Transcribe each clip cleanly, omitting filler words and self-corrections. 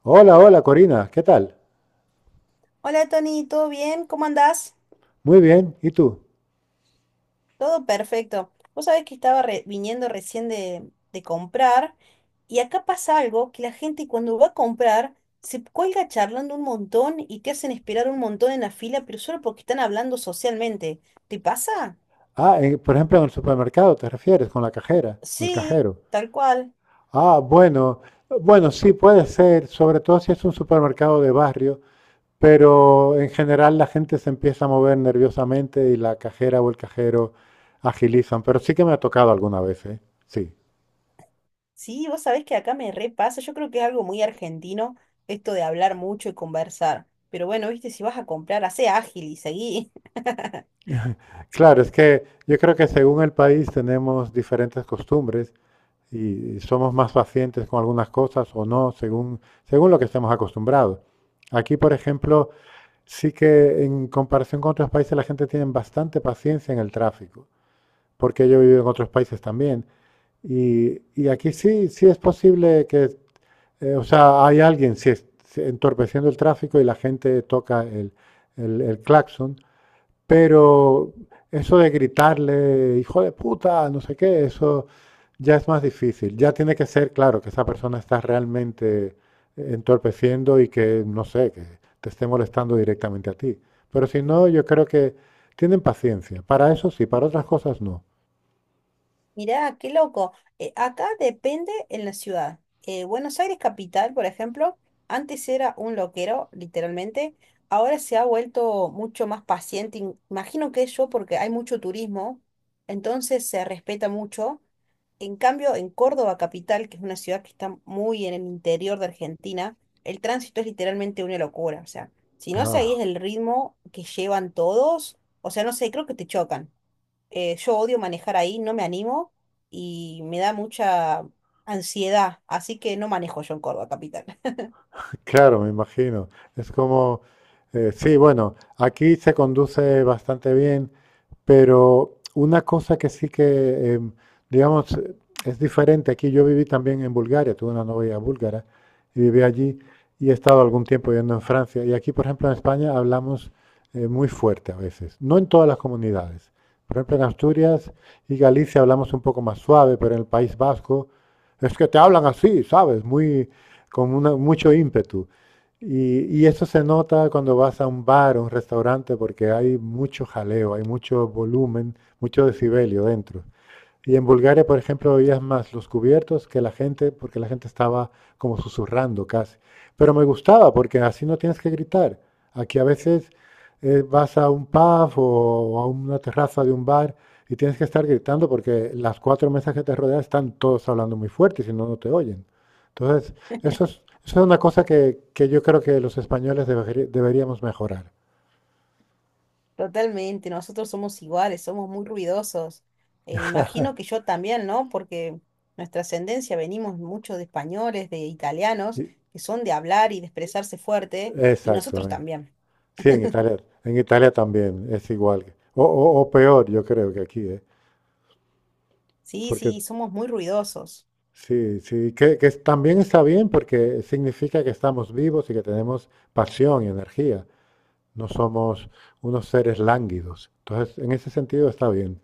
Hola, hola Corina, ¿qué tal? Hola Tony, ¿todo bien? ¿Cómo andás? Muy bien, ¿y tú? Todo perfecto. Vos sabés que estaba viniendo recién de comprar y acá pasa algo que la gente cuando va a comprar se cuelga charlando un montón y te hacen esperar un montón en la fila, pero solo porque están hablando socialmente. ¿Te pasa? Ah, por ejemplo, en el supermercado te refieres con la cajera o el Sí, cajero. tal cual. Ah, bueno, bueno, sí puede ser, sobre todo si es un supermercado de barrio, pero en general la gente se empieza a mover nerviosamente y la cajera o el cajero agilizan, pero sí que me ha tocado alguna vez, ¿eh? Sí. Sí, vos sabés que acá me repasa. Yo creo que es algo muy argentino esto de hablar mucho y conversar. Pero bueno, viste, si vas a comprar, hacé ágil y seguí. Claro, es que yo creo que según el país tenemos diferentes costumbres y somos más pacientes con algunas cosas o no, según, según lo que estemos acostumbrados. Aquí, por ejemplo, sí que en comparación con otros países la gente tiene bastante paciencia en el tráfico, porque yo he vivido en otros países también. Y aquí sí, sí es posible que, o sea, hay alguien sí, entorpeciendo el tráfico y la gente toca el claxon, pero eso de gritarle, hijo de puta, no sé qué, eso ya es más difícil. Ya tiene que ser claro que esa persona está realmente entorpeciendo y que, no sé, que te esté molestando directamente a ti. Pero si no, yo creo que tienen paciencia. Para eso sí, para otras cosas no. Mirá, qué loco. Acá depende en la ciudad. Buenos Aires capital, por ejemplo, antes era un loquero, literalmente. Ahora se ha vuelto mucho más paciente. Imagino que eso porque hay mucho turismo, entonces se respeta mucho. En cambio, en Córdoba capital, que es una ciudad que está muy en el interior de Argentina, el tránsito es literalmente una locura. O sea, si no Ah, seguís el ritmo que llevan todos, o sea, no sé, creo que te chocan. Yo odio manejar ahí, no me animo y me da mucha ansiedad, así que no manejo yo en Córdoba capital. claro, me imagino. Es como, sí, bueno, aquí se conduce bastante bien, pero una cosa que sí que, digamos, es diferente. Aquí yo viví también en Bulgaria, tuve una novia búlgara y viví allí y he estado algún tiempo viviendo en Francia. Y aquí, por ejemplo, en España hablamos muy fuerte a veces, no en todas las comunidades. Por ejemplo, en Asturias y Galicia hablamos un poco más suave, pero en el País Vasco es que te hablan así, ¿sabes? Muy, mucho ímpetu. Y eso se nota cuando vas a un bar o un restaurante porque hay mucho jaleo, hay mucho volumen, mucho decibelio dentro. Y en Bulgaria, por ejemplo, oías más los cubiertos que la gente, porque la gente estaba como susurrando casi. Pero me gustaba porque así no tienes que gritar. Aquí a veces vas a un pub o a una terraza de un bar y tienes que estar gritando porque las cuatro mesas que te rodean están todos hablando muy fuerte y si no, no te oyen. Entonces, eso es una cosa que yo creo que los españoles deberíamos mejorar. Totalmente, nosotros somos iguales, somos muy ruidosos. E imagino que yo también, ¿no? Porque nuestra ascendencia venimos mucho de españoles, de italianos, Y- que son de hablar y de expresarse fuerte, y nosotros Exactamente. también. Sí, en Italia también es igual. O, o peor, yo creo que aquí, ¿eh? Sí, Porque sí, somos muy ruidosos. sí, sí, que, también está bien porque significa que estamos vivos y que tenemos pasión y energía. No somos unos seres lánguidos. Entonces, en ese sentido está bien.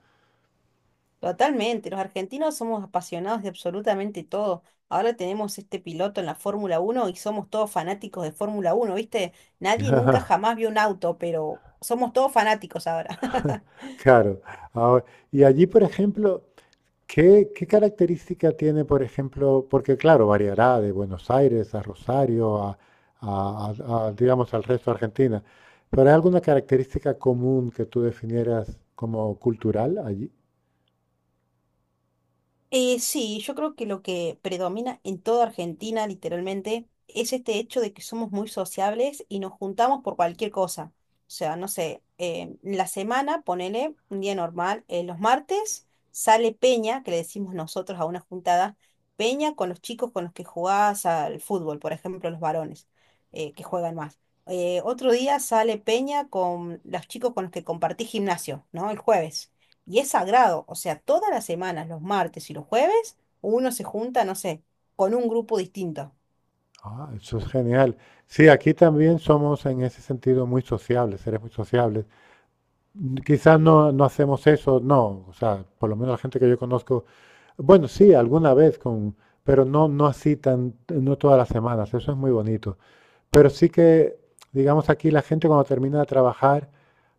Totalmente, los argentinos somos apasionados de absolutamente todo. Ahora tenemos este piloto en la Fórmula 1 y somos todos fanáticos de Fórmula 1, ¿viste? Nadie nunca jamás vio un auto, pero somos todos fanáticos ahora. Claro. Ahora, y allí, por ejemplo, ¿qué, qué característica tiene? Por ejemplo, porque claro, variará de Buenos Aires a Rosario, a, digamos, al resto de Argentina, pero ¿hay alguna característica común que tú definieras como cultural allí? Sí, yo creo que lo que predomina en toda Argentina, literalmente, es este hecho de que somos muy sociables y nos juntamos por cualquier cosa. O sea, no sé, la semana, ponele un día normal, los martes sale Peña, que le decimos nosotros a una juntada, Peña con los chicos con los que jugás al fútbol, por ejemplo, los varones, que juegan más. Otro día sale Peña con los chicos con los que compartís gimnasio, ¿no? El jueves. Y es sagrado, o sea, todas las semanas, los martes y los jueves, uno se junta, no sé, con un grupo distinto. Ah, eso es genial. Sí, aquí también somos en ese sentido muy sociables, seres muy sociables. Mm, quizás no, no hacemos eso, no, o sea, por lo menos la gente que yo conozco, bueno, sí, alguna vez con, pero no, no así tan, no todas las semanas, eso es muy bonito. Pero sí que, digamos, aquí la gente cuando termina de trabajar,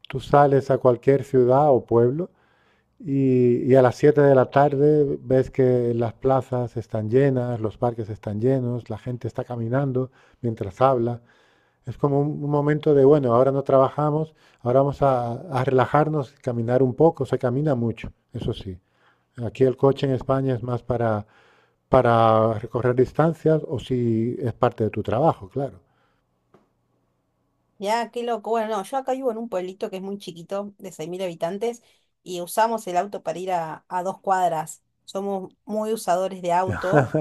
tú sales a cualquier ciudad o pueblo y a las 7 de la tarde ves que las plazas están llenas, los parques están llenos, la gente está caminando mientras habla. Es como un momento de, bueno, ahora no trabajamos, ahora vamos a relajarnos, caminar un poco, se camina mucho, eso sí. Aquí el coche en España es más para recorrer distancias o si es parte de tu trabajo, claro. Ya, qué loco. Bueno, no, yo acá vivo en un pueblito que es muy chiquito, de 6.000 habitantes, y usamos el auto para ir a 2 cuadras. Somos muy usadores de auto.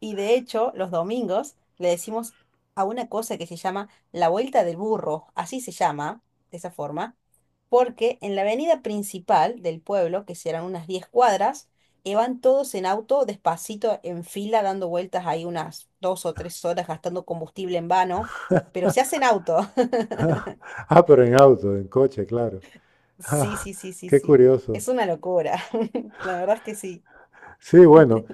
Y de hecho, los domingos le decimos a una cosa que se llama la vuelta del burro, así se llama, de esa forma, porque en la avenida principal del pueblo, que serán unas 10 cuadras, y van todos en auto despacito en fila dando vueltas ahí unas 2 o 3 horas gastando combustible en vano, pero se hacen auto. Ah, ah, pero en auto, en coche, claro. Sí, Ah, sí, sí, sí, qué sí. curioso. Es una locura. La verdad es que sí. Sí, bueno,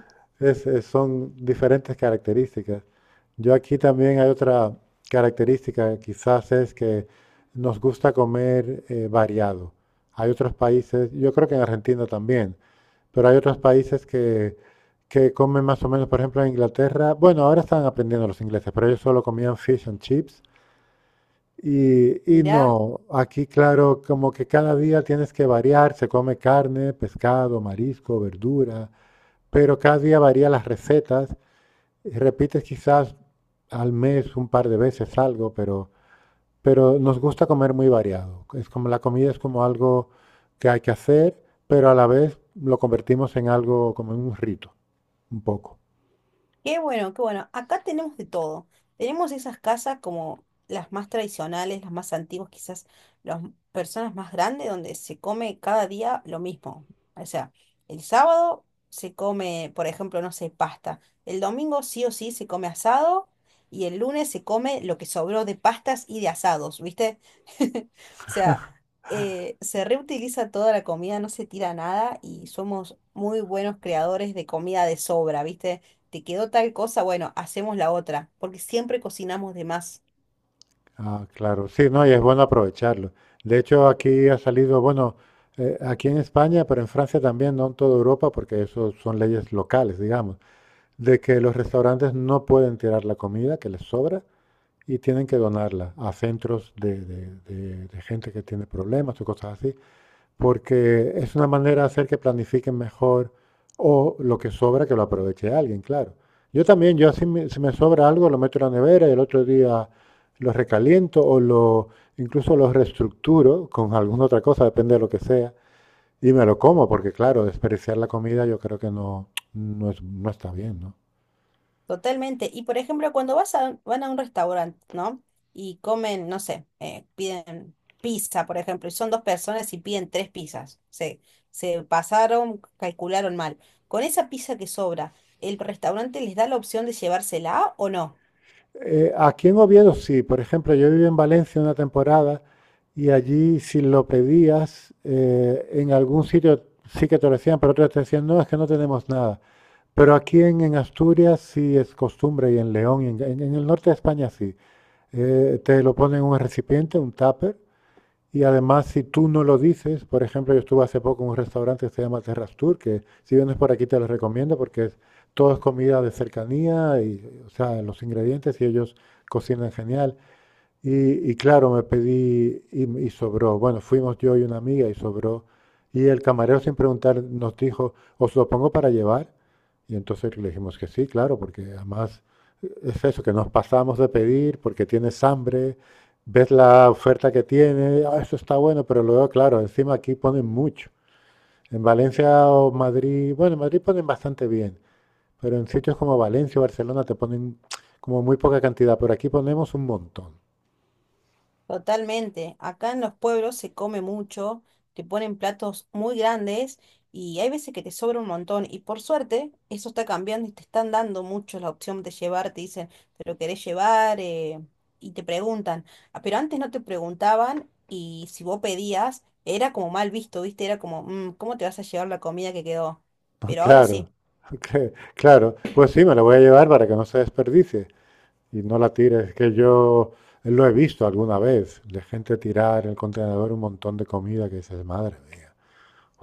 son diferentes características. Yo aquí también hay otra característica, quizás es que nos gusta comer variado. Hay otros países, yo creo que en Argentina también, pero hay otros países que comen más o menos, por ejemplo, en Inglaterra, bueno, ahora están aprendiendo los ingleses, pero ellos solo comían fish and chips. Y Mirá, no, aquí claro, como que cada día tienes que variar, se come carne, pescado, marisco, verdura, pero cada día varía las recetas, y repites quizás al mes un par de veces algo, pero nos gusta comer muy variado. Es como la comida es como algo que hay que hacer, pero a la vez lo convertimos en algo como en un rito, un poco. qué bueno, qué bueno. Acá tenemos de todo. Tenemos esas casas como las más tradicionales, las más antiguas, quizás las personas más grandes, donde se come cada día lo mismo. O sea, el sábado se come, por ejemplo, no sé, pasta. El domingo sí o sí se come asado y el lunes se come lo que sobró de pastas y de asados, ¿viste? O sea, se reutiliza toda la comida, no se tira nada y somos muy buenos creadores de comida de sobra, ¿viste? Te quedó tal cosa, bueno, hacemos la otra, porque siempre cocinamos de más. Ah, claro, sí, no, y es bueno aprovecharlo. De hecho, aquí ha salido, bueno, aquí en España, pero en Francia también, no en toda Europa, porque eso son leyes locales, digamos, de que los restaurantes no pueden tirar la comida que les sobra y tienen que donarla a centros de, de gente que tiene problemas o cosas así porque es una manera de hacer que planifiquen mejor o lo que sobra que lo aproveche alguien, claro. Yo también, yo si me, si me sobra algo lo meto en la nevera y el otro día lo recaliento o lo incluso lo reestructuro con alguna otra cosa, depende de lo que sea, y me lo como, porque claro, desperdiciar la comida yo creo que no, no, no está bien, ¿no? Totalmente. Y por ejemplo, cuando vas a, van a un restaurante, ¿no? Y comen, no sé, piden pizza, por ejemplo, y son dos personas y piden tres pizzas. Se pasaron, calcularon mal. Con esa pizza que sobra, ¿el restaurante les da la opción de llevársela o no? Aquí en Oviedo sí, por ejemplo, yo viví en Valencia una temporada y allí si lo pedías, en algún sitio sí que te lo decían, pero otros te decían, no, es que no tenemos nada. Pero aquí en Asturias sí es costumbre y en León y en, el norte de España sí. Te lo ponen en un recipiente, un tupper, y además, si tú no lo dices, por ejemplo, yo estuve hace poco en un restaurante que se llama Terras Tour, que si vienes por aquí te lo recomiendo porque es, todo es comida de cercanía y, o sea, los ingredientes y ellos cocinan genial. Y claro, me pedí y sobró. Bueno, fuimos yo y una amiga y sobró. Y el camarero sin preguntar nos dijo, ¿os lo pongo para llevar? Y entonces le dijimos que sí, claro, porque además es eso, que nos pasamos de pedir porque tienes hambre, ves la oferta que tiene, "Ah, eso está bueno", pero luego, claro, encima aquí ponen mucho. En Valencia o Madrid, bueno, en Madrid ponen bastante bien, pero en sitios como Valencia o Barcelona te ponen como muy poca cantidad, pero aquí ponemos un montón. Totalmente. Acá en los pueblos se come mucho, te ponen platos muy grandes y hay veces que te sobra un montón. Y por suerte, eso está cambiando y te están dando mucho la opción de llevar. Te dicen, ¿te lo querés llevar? Y te preguntan. Ah, pero antes no te preguntaban y si vos pedías, era como mal visto, ¿viste? Era como, "Mm, ¿cómo te vas a llevar la comida que quedó?" Ah, Pero ahora claro, sí. Claro. Pues sí, me la voy a llevar para que no se desperdicie y no la tires. Que yo lo he visto alguna vez, de gente tirar en el contenedor un montón de comida que dices, madre mía.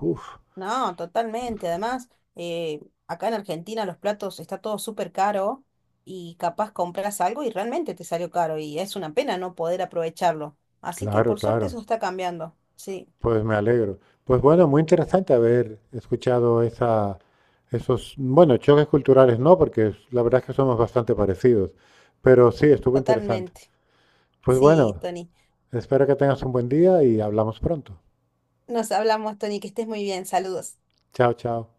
Uf, No, totalmente. Además, eh, acá en Argentina los platos está todo súper caro y capaz compras algo y realmente te salió caro y es una pena no poder aprovecharlo. Así que claro, por suerte eso claro. está cambiando. Sí, Pues me alegro. Pues bueno, muy interesante haber escuchado esa, esos, bueno, choques culturales no, porque la verdad es que somos bastante parecidos. Pero sí, estuvo interesante. totalmente. Pues Sí, bueno, Tony. espero que tengas un buen día y hablamos pronto. Nos hablamos, Tony, que estés muy bien. Saludos. Chao, chao.